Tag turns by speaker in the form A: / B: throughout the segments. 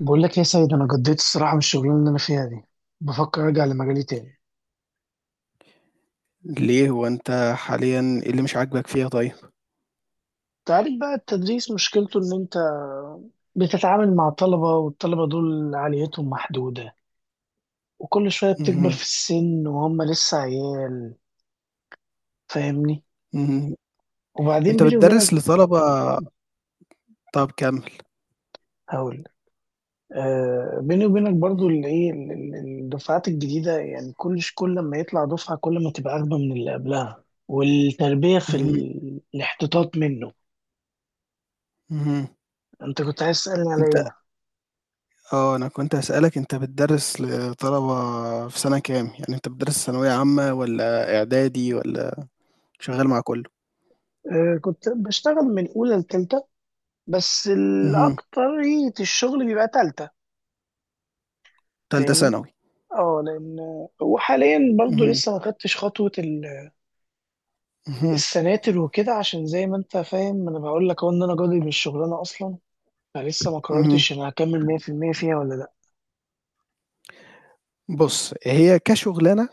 A: بقول لك يا سيد، انا قضيت الصراحه من الشغلانه اللي انا فيها دي. بفكر ارجع لمجالي تاني.
B: ليه هو أنت حاليًا إيه اللي مش عاجبك فيها طيب؟
A: تعرف بقى، التدريس مشكلته ان انت بتتعامل مع طلبه، والطلبه دول عاليتهم محدوده، وكل شويه بتكبر
B: اهم،
A: في السن وهم لسه عيال. فاهمني؟
B: اهم،
A: وبعدين
B: أنت
A: بيني وبينك
B: بتدرّس لطلبة طَب كمّل.
A: هقول لك، آه، بيني وبينك برضو اللي ايه الدفعات الجديده. يعني كل ما يطلع دفعه كل ما تبقى اغبى من اللي قبلها، والتربيه في
B: اهم،
A: الاحتطاط منه.
B: اهم،
A: انت كنت عايز تسالني على
B: أنت
A: ايه؟
B: آه، أنا كنت هاسألك أنت بتدرّس لطلبة في سَنة كام؟ يعني أنت بتدرّس ثانوية عامة والّا إعدادي والّا شغّال مع كلّه؟
A: آه، كنت بشتغل من أولى لتالتة، بس
B: اهم،
A: الأكترية الشغل بيبقى تالتة.
B: تالتة
A: فاهمني؟
B: ثانوي.
A: اه، لأن وحاليا برضو
B: اهم،
A: لسه ما خدتش خطوة
B: اهم،
A: السناتر وكده، عشان زي ما أنت فاهم أنا بقول لك أهو إن أنا جادي من الشغلانة أصلا. فلسه ما
B: اهم.
A: قررتش أنا هكمل 100% فيها ولا لأ.
B: بُص، هي كشُغلانة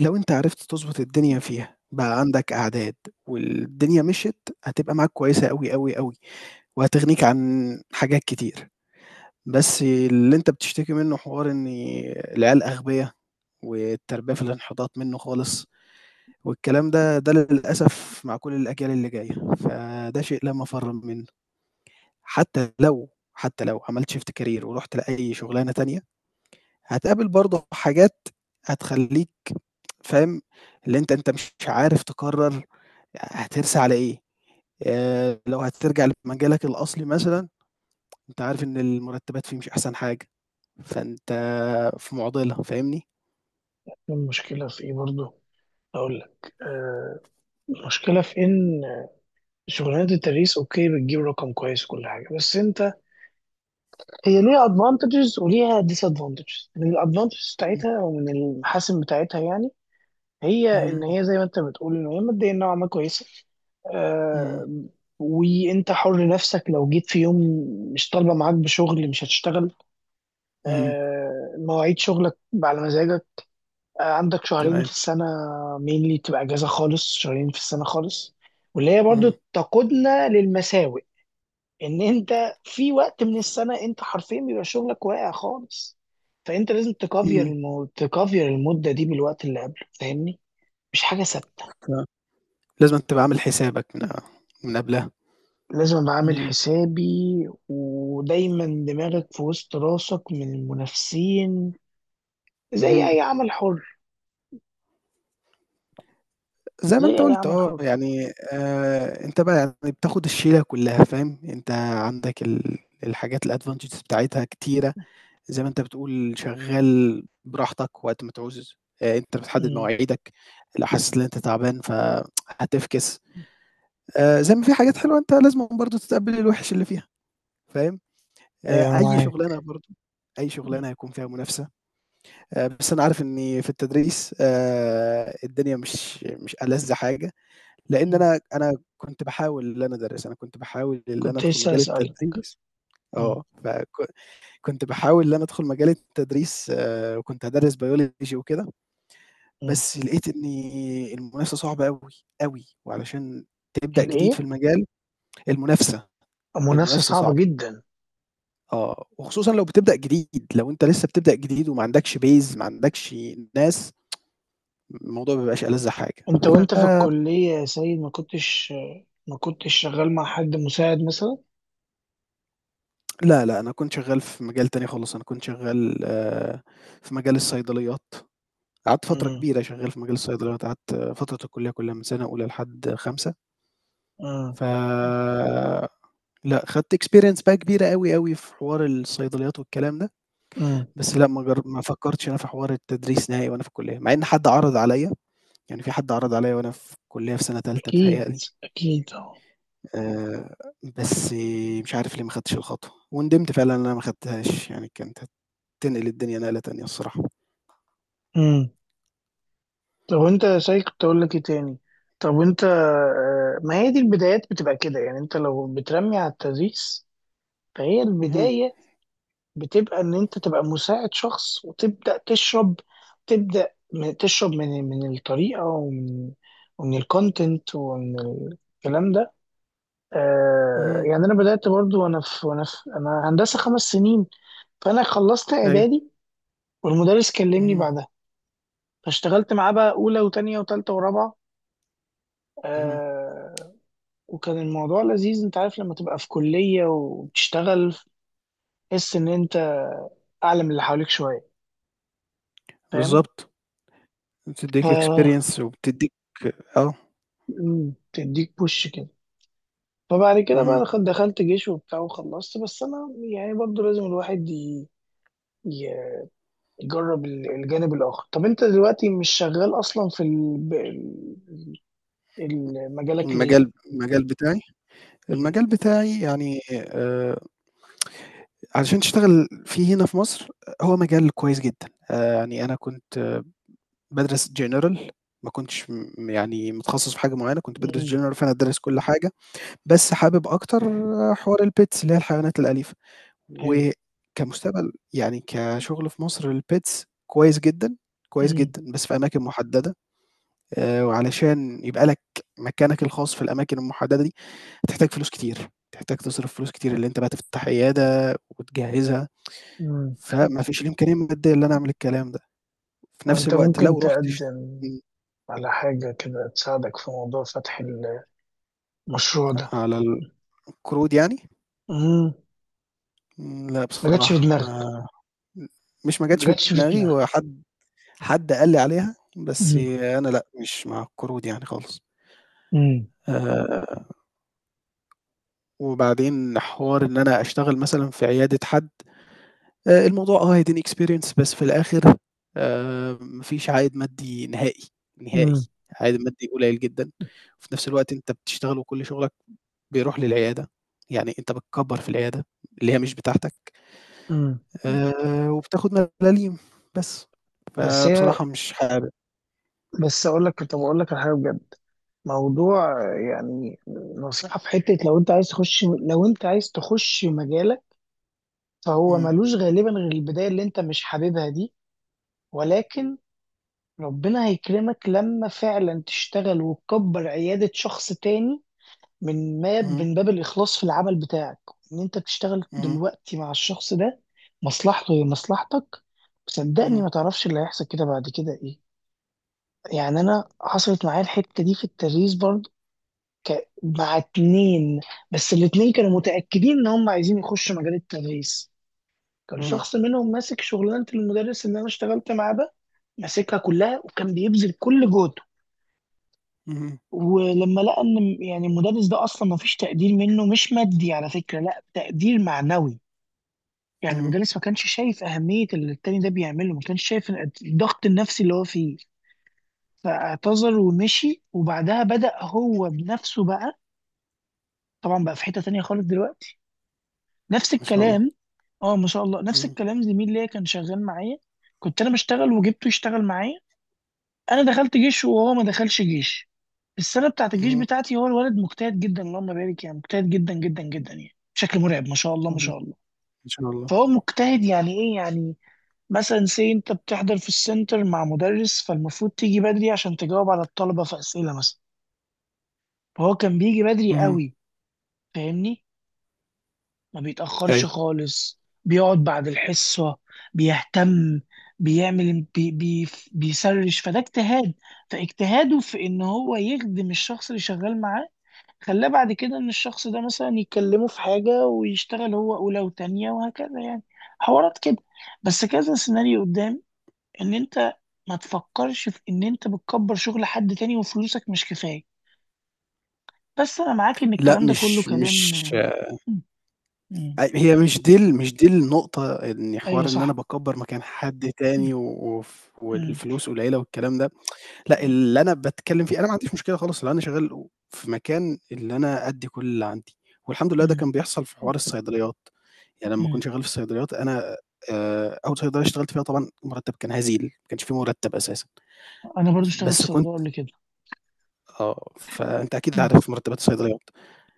B: لو أنت عرفت تضبط الدنيا فيها، بقى عندك أعداد والدنيا مشيت، هتبقى معاك كويسة أوي، أوي، أوي. وهتغنيك عن حاجات كتير، بس اللي أنت بتشتكي منه حوار إن العيال أغبيا، والتربية في الانحطاط منه خالص، والكلام ده، ده للأسف مع كل الأجيال اللي جاية، فده شيء لا مفر منه، حتى لو عملت shift career ورُحت لأي شغلانة تانية، هتقابل برضه حاجات هتخلّيك فاهم، اللي أنت مش عارف تقرر هترسى على إيه، لو هترجع لمجالك الأصلي مثلًا، أنت عارف إن المرتبات فيه مش أحسن حاجة. فأنت في معضلة، فاهمني؟
A: المشكلة في إيه برضو؟ أقول لك آه، المشكلة في إن شغلانة التدريس أوكي، بتجيب رقم كويس وكل حاجة، بس أنت هي ليها ادفانتجز وليها ديس ادفانتجز. من الادفانتجز
B: إمم،
A: بتاعتها او من المحاسن بتاعتها، يعني هي ان
B: اهم،
A: هي زي ما انت بتقول ان هي ماديا نوعا ما كويسه.
B: اهم،
A: آه، وانت حر نفسك، لو جيت في يوم مش طالبه معاك بشغل مش هتشتغل.
B: اهم،
A: آه، مواعيد شغلك على مزاجك. آه، عندك شهرين
B: تمام،
A: في السنه مينلي تبقى اجازه خالص، شهرين في السنه خالص. واللي هي برضو
B: اهم،
A: تقودنا للمساوئ، ان انت في وقت من السنه انت حرفيا بيبقى شغلك واقع خالص. فانت لازم
B: اهم،
A: تكافير المده دي بالوقت اللي قبله. فاهمني؟ مش حاجه ثابته.
B: فلازمًا تبقى عامل حسابك من قبلها،
A: لازم ابقى عامل
B: اهم،
A: حسابي، ودايما دماغك في وسط راسك من المنافسين، زي
B: اهم،
A: اي عمل حر،
B: زي ما
A: زي
B: أنت
A: اي
B: قُلت
A: عمل
B: آه،
A: حر.
B: يعني أنت بقى يعني بتاخد الشيلة كلّها فاهم، أنت عندك الحاجات الadvantages بتاعتها كتيرة، زي ما أنت بتقول شغّال براحتك وقت ما تعوز، أنت بتحدد
A: مم.
B: مواعيدك، لو حسيت إن أنت تعبان فهتفكس. زي ما في حاجات حلوة أنت لازمًا برضه تتقبّل الوِحِش اللي فيها، فاهم؟
A: ايوه انا
B: أي شُغلانة
A: معاك.
B: برضه أي
A: مم.
B: شُغلانة هيكون فيها منافسة، بس أنا عارف إنّي في التدريس الدنيا مش ألَذ حاجة، لإن
A: مم.
B: أنا كنت باحاول إن أنا أدرّس، أنا كنت باحاول إن أنا
A: كنت
B: أدخُل
A: لسه
B: مجال
A: اسالك.
B: التدريس
A: مم.
B: آه، فك كنت باحاول إن أنا أدخُل مجال التدريس وكنت هادرّس biology وكده،
A: مم.
B: بس لقيت إنّي المنافسة صعبة أوي، أوي، وعلشان تبدأ جديد
A: الايه؟
B: في المجال المنافسة،
A: المنافسه
B: المنافسة
A: صعبه
B: صعبة.
A: جدا.
B: آه، وخصوصًا لو بتبدأ جديد، لو أنت لسه بتبدأ جديد وما عندكش base ما عندكش ناس، الموضوع ما بيبقاش ألذ حاجة.
A: انت وانت في الكلية يا سيد ما كنتش، ما كنتش شغال مع حد مساعد مثلا؟
B: لا، لا، أنا كنت شغّال في مجال تاني خالص، أنا كنت شغّال في مجال الصيدليات، قعدت فترة
A: امم.
B: كبيرة شغّال في مجال الصيدليات، قعدت فترة الكلية كلها من سنة أولى لحد خامسة،
A: امم.
B: ف لأ، خدت experience بقى كبيرة أوي، أوي في حوار الصيدليات والكلام ده،
A: امم.
B: بس لأ، ما فكّرتش أنا في حوار التدريس نهائي وأنا في الكلية، مع إن حد عرض عليَّ يعني في حد عرض عليّا وأنا في كُلّية في سَنة تالتة
A: اكيد،
B: بيتهيأ لي،
A: اكيد اه.
B: آآ بس مش عارف ليه ما خدتش الخطوة، وندمت فعلًا إن أنا ما خدتهاش، يعني كانت هتنقل الدنيا نقلة تانية الصراحة.
A: امم. طب وانت يا سيد، كنت اقول لك ايه تاني؟ طب وانت آه، ما هي دي البدايات بتبقى كده. يعني انت لو بترمي على التدريس فهي
B: اهم،
A: البداية بتبقى ان انت تبقى مساعد شخص وتبدأ تشرب. تشرب من الطريقة ومن، ومن الكونتنت، ومن الكلام ده. آه،
B: اهم،
A: يعني انا بدات برضو وانا في وانا في انا هندسه 5 سنين. فانا خلصت
B: أيوه،
A: اعدادي والمدرس كلمني
B: اهم،
A: بعدها، فاشتغلت معاه بقى اولى وتانية وتالتة ورابعه.
B: اهم،
A: آه. وكان الموضوع لذيذ. انت عارف لما تبقى في كليه وبتشتغل، تحس ان انت اعلى من اللي حواليك شويه. فاهم؟
B: بالضبط،
A: ف
B: بتدّيك experience وبتدّيك آه،
A: مم، تديك بوش كده. فبعد كده بقى
B: اهم،
A: دخلت جيش وبتاع وخلصت، بس انا يعني برضو لازم الواحد ي... جرب الجانب الآخر. طب أنت دلوقتي مش شغال أصلا في مجالك ليه؟
B: المجال بتاعي
A: مم.
B: المجال بتاعي يعني علشان تشتغل فيه هنا في مصر، آه، هو مجال كويس جدًا، يعني أنا كنت بادرس general ما كنتش يعني متخصص في حاجة معيّنة، كنت بادرس
A: مم.
B: general فأنا دارس كل حاجة، بس حابب أكتر حوار الpets اللي هي الحيوانات الأليفة،
A: حلو.
B: وكمستقبل يعني كشغل في مصر الpets كويس جدًا، كويس
A: مم.
B: جدًا، بس في أماكن محددة، وعلشان يبقى لك مكانك الخاص في الأماكن المحددة دي، هتحتاج فلوس كتير، هتحتاج تصرف فلوس كتير، اللي أنت بقى تفتح عيادة وتجهّزها،
A: مم.
B: فما فيش الإمكانية المادية اللي أنا أعمل الكلام ده، في نفس
A: أنت
B: الوقت
A: ممكن
B: لو رُحت اش
A: تقدم
B: إمم،
A: على حاجة كده تساعدك في موضوع فتح المشروع ده.
B: على ال قرود يعني؟
A: مم.
B: إمم، لأ
A: ما جاتش في
B: بصراحة
A: دماغك؟
B: ما
A: ما
B: جاتش في
A: جاتش في
B: دماغي،
A: دماغك.
B: هو حد قال لي عليها، بس
A: مم.
B: أنا لأ، مش مع القرود يعني خالص.
A: مم.
B: آآ، وبعدين حوار إن أنا أشتغل مثلًا في عيادة حد، الموضوع آه هيديني experience بس في الآخر ما فيش عائد مادي نهائي، نهائي،
A: مم.
B: عائد مادي قليل جدًا، وفي نفس الوقت أنت بتشتغل وكل شغلك بيروح للعيادة، يعني أنت بتكبّر في العيادة اللي هي مش بتاعتك.
A: مم.
B: وبتاخد ملاليم، بس.
A: بس هي،
B: فبصراحة مش حابب.
A: بس اقول لك. طب اقول لك على حاجه بجد. موضوع، يعني نصيحه في حته. لو انت عايز تخش، لو انت عايز تخش مجالك، فهو
B: إمم،
A: ملوش غالبا غير البداية اللي انت مش حاببها دي. ولكن ربنا هيكرمك لما فعلا تشتغل وتكبر عيادة شخص تاني، من ما
B: اهم،
A: من باب الإخلاص في العمل بتاعك. ان انت تشتغل
B: اهم،
A: دلوقتي مع الشخص ده، مصلحته هي مصلحتك. وصدقني
B: اهم،
A: ما تعرفش اللي هيحصل كده بعد كده ايه. يعني انا حصلت معايا الحتة دي في التدريس برضه. مع اتنين، بس الاتنين كانوا متأكدين ان هم عايزين يخشوا مجال التدريس. كان
B: اهم،
A: شخص منهم ماسك شغلانة المدرس اللي أنا اشتغلت معاه ده، ماسكها كلها وكان بيبذل كل جهده.
B: اهم،
A: ولما لقى إن يعني المدرس ده أصلا ما فيش تقدير منه، مش مادي على فكرة، لا، تقدير معنوي. يعني
B: اهم،
A: المدرس ما كانش شايف أهمية اللي التاني ده بيعمله، ما كانش شايف الضغط النفسي اللي هو فيه. فاعتذر ومشي، وبعدها بدأ هو بنفسه بقى. طبعا بقى في حتة تانية خالص دلوقتي. نفس
B: ما شاء الله.
A: الكلام. اه، ما شاء الله. نفس
B: اهم،
A: الكلام. زميل ليا كان شغال معايا، كنت انا بشتغل وجبته يشتغل معايا. انا دخلت جيش وهو ما دخلش جيش. السنه بتاعت الجيش
B: اهم،
A: بتاعتي، هو الولد مجتهد جدا اللهم بارك. يعني مجتهد جدا جدا جدا، يعني بشكل مرعب. ما شاء الله، ما
B: اهم،
A: شاء الله.
B: ما شاء الله.
A: فهو مجتهد يعني ايه؟ يعني مثلا سي، انت بتحضر في السنتر مع مدرس، فالمفروض تيجي بدري عشان تجاوب على الطلبه في اسئله مثلا. فهو كان بيجي بدري
B: اهم،
A: قوي. فاهمني؟ ما بيتاخرش
B: أيوه.
A: خالص، بيقعد بعد الحصه، بيهتم، بيعمل بي بي بيسرش. فده اجتهاد. فاجتهاده في ان هو يخدم الشخص اللي شغال معاه، خلاه بعد كده ان الشخص ده مثلا يكلمه في حاجة ويشتغل هو اولى وتانية وهكذا، يعني حوارات كده. بس كذا سيناريو قدام، ان انت ما تفكرش في ان انت بتكبر شغل حد تاني وفلوسك مش كفاية. بس انا معاك ان
B: لأ
A: الكلام ده كله
B: مش
A: كلام.
B: مش
A: مم. مم.
B: هي مش دي ال مش دي النقطة، إن
A: ايوه
B: حوار إن أنا
A: صح.
B: باكبّر مكان حد
A: مم.
B: تاني و
A: مم.
B: والفلوس قليلة والكلام ده، لأ اللي أنا باتكلّم فيه أنا ما عنديش مشكلة خالص لو أنا شغال و في مكان اللي أنا أدّي كل اللي عندي، والحمد لله ده
A: مم.
B: كان بيحصل في حوار الصيدليات. يعني لمّا
A: مم.
B: كنت شغّال في الصيدليات أنا أول صيدلية اشتغلت فيها طبعًا المرتّب كان هزيل، ما كانش في مرتّب أساسًا،
A: انا برضو اشتغلت
B: بس كنت
A: صيدلية قبل كده.
B: آه، فأنت أكيد
A: مم.
B: عارف مرتّبات الصيدليات،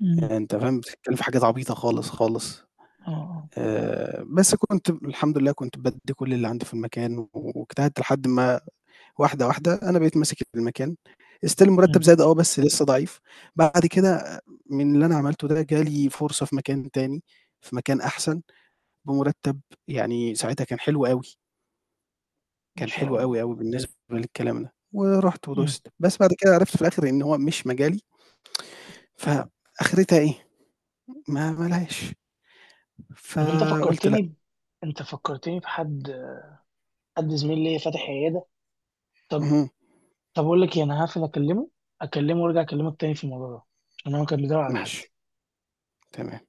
A: مم.
B: يعني أنت فاهم بتتكلّم في حاجات عبيطة خالص، خالص
A: اه آه.
B: بس كنت الحمد لله كنت بادّي كل اللي عندي في المكان واجتهدت لحد ما واحدة أنا بقيت ماسك المكان still
A: مم.
B: المرتّب زاد آه، بس لسه ضعيف، بعد كده آه، من اللي أنا عملته ده جه لي فرصة في مكان تاني، في مكان أحسن بمرتّب يعني ساعتها كان حلو أوي.
A: ما
B: كان
A: شاء
B: حلو أوي،
A: الله.
B: أوي بالنسبة للكلام ده، ورُحت
A: مم.
B: ودُست، بس بعد كده عرفت في الآخر إن هو مش مجالي، فآخرتها إيه، ما لهاش،
A: طب انت
B: فقُلت لأ،
A: فكرتني انت فكرتني بحد، حد زميل ليا فاتح عيادة. طب،
B: اهم،
A: طب اقول لك إيه، انا هقفل اكلمه، اكلمه وارجع اكلمك تاني في الموضوع ده، عشان هو كان بيدور على
B: ماشي،
A: حد.
B: تمام.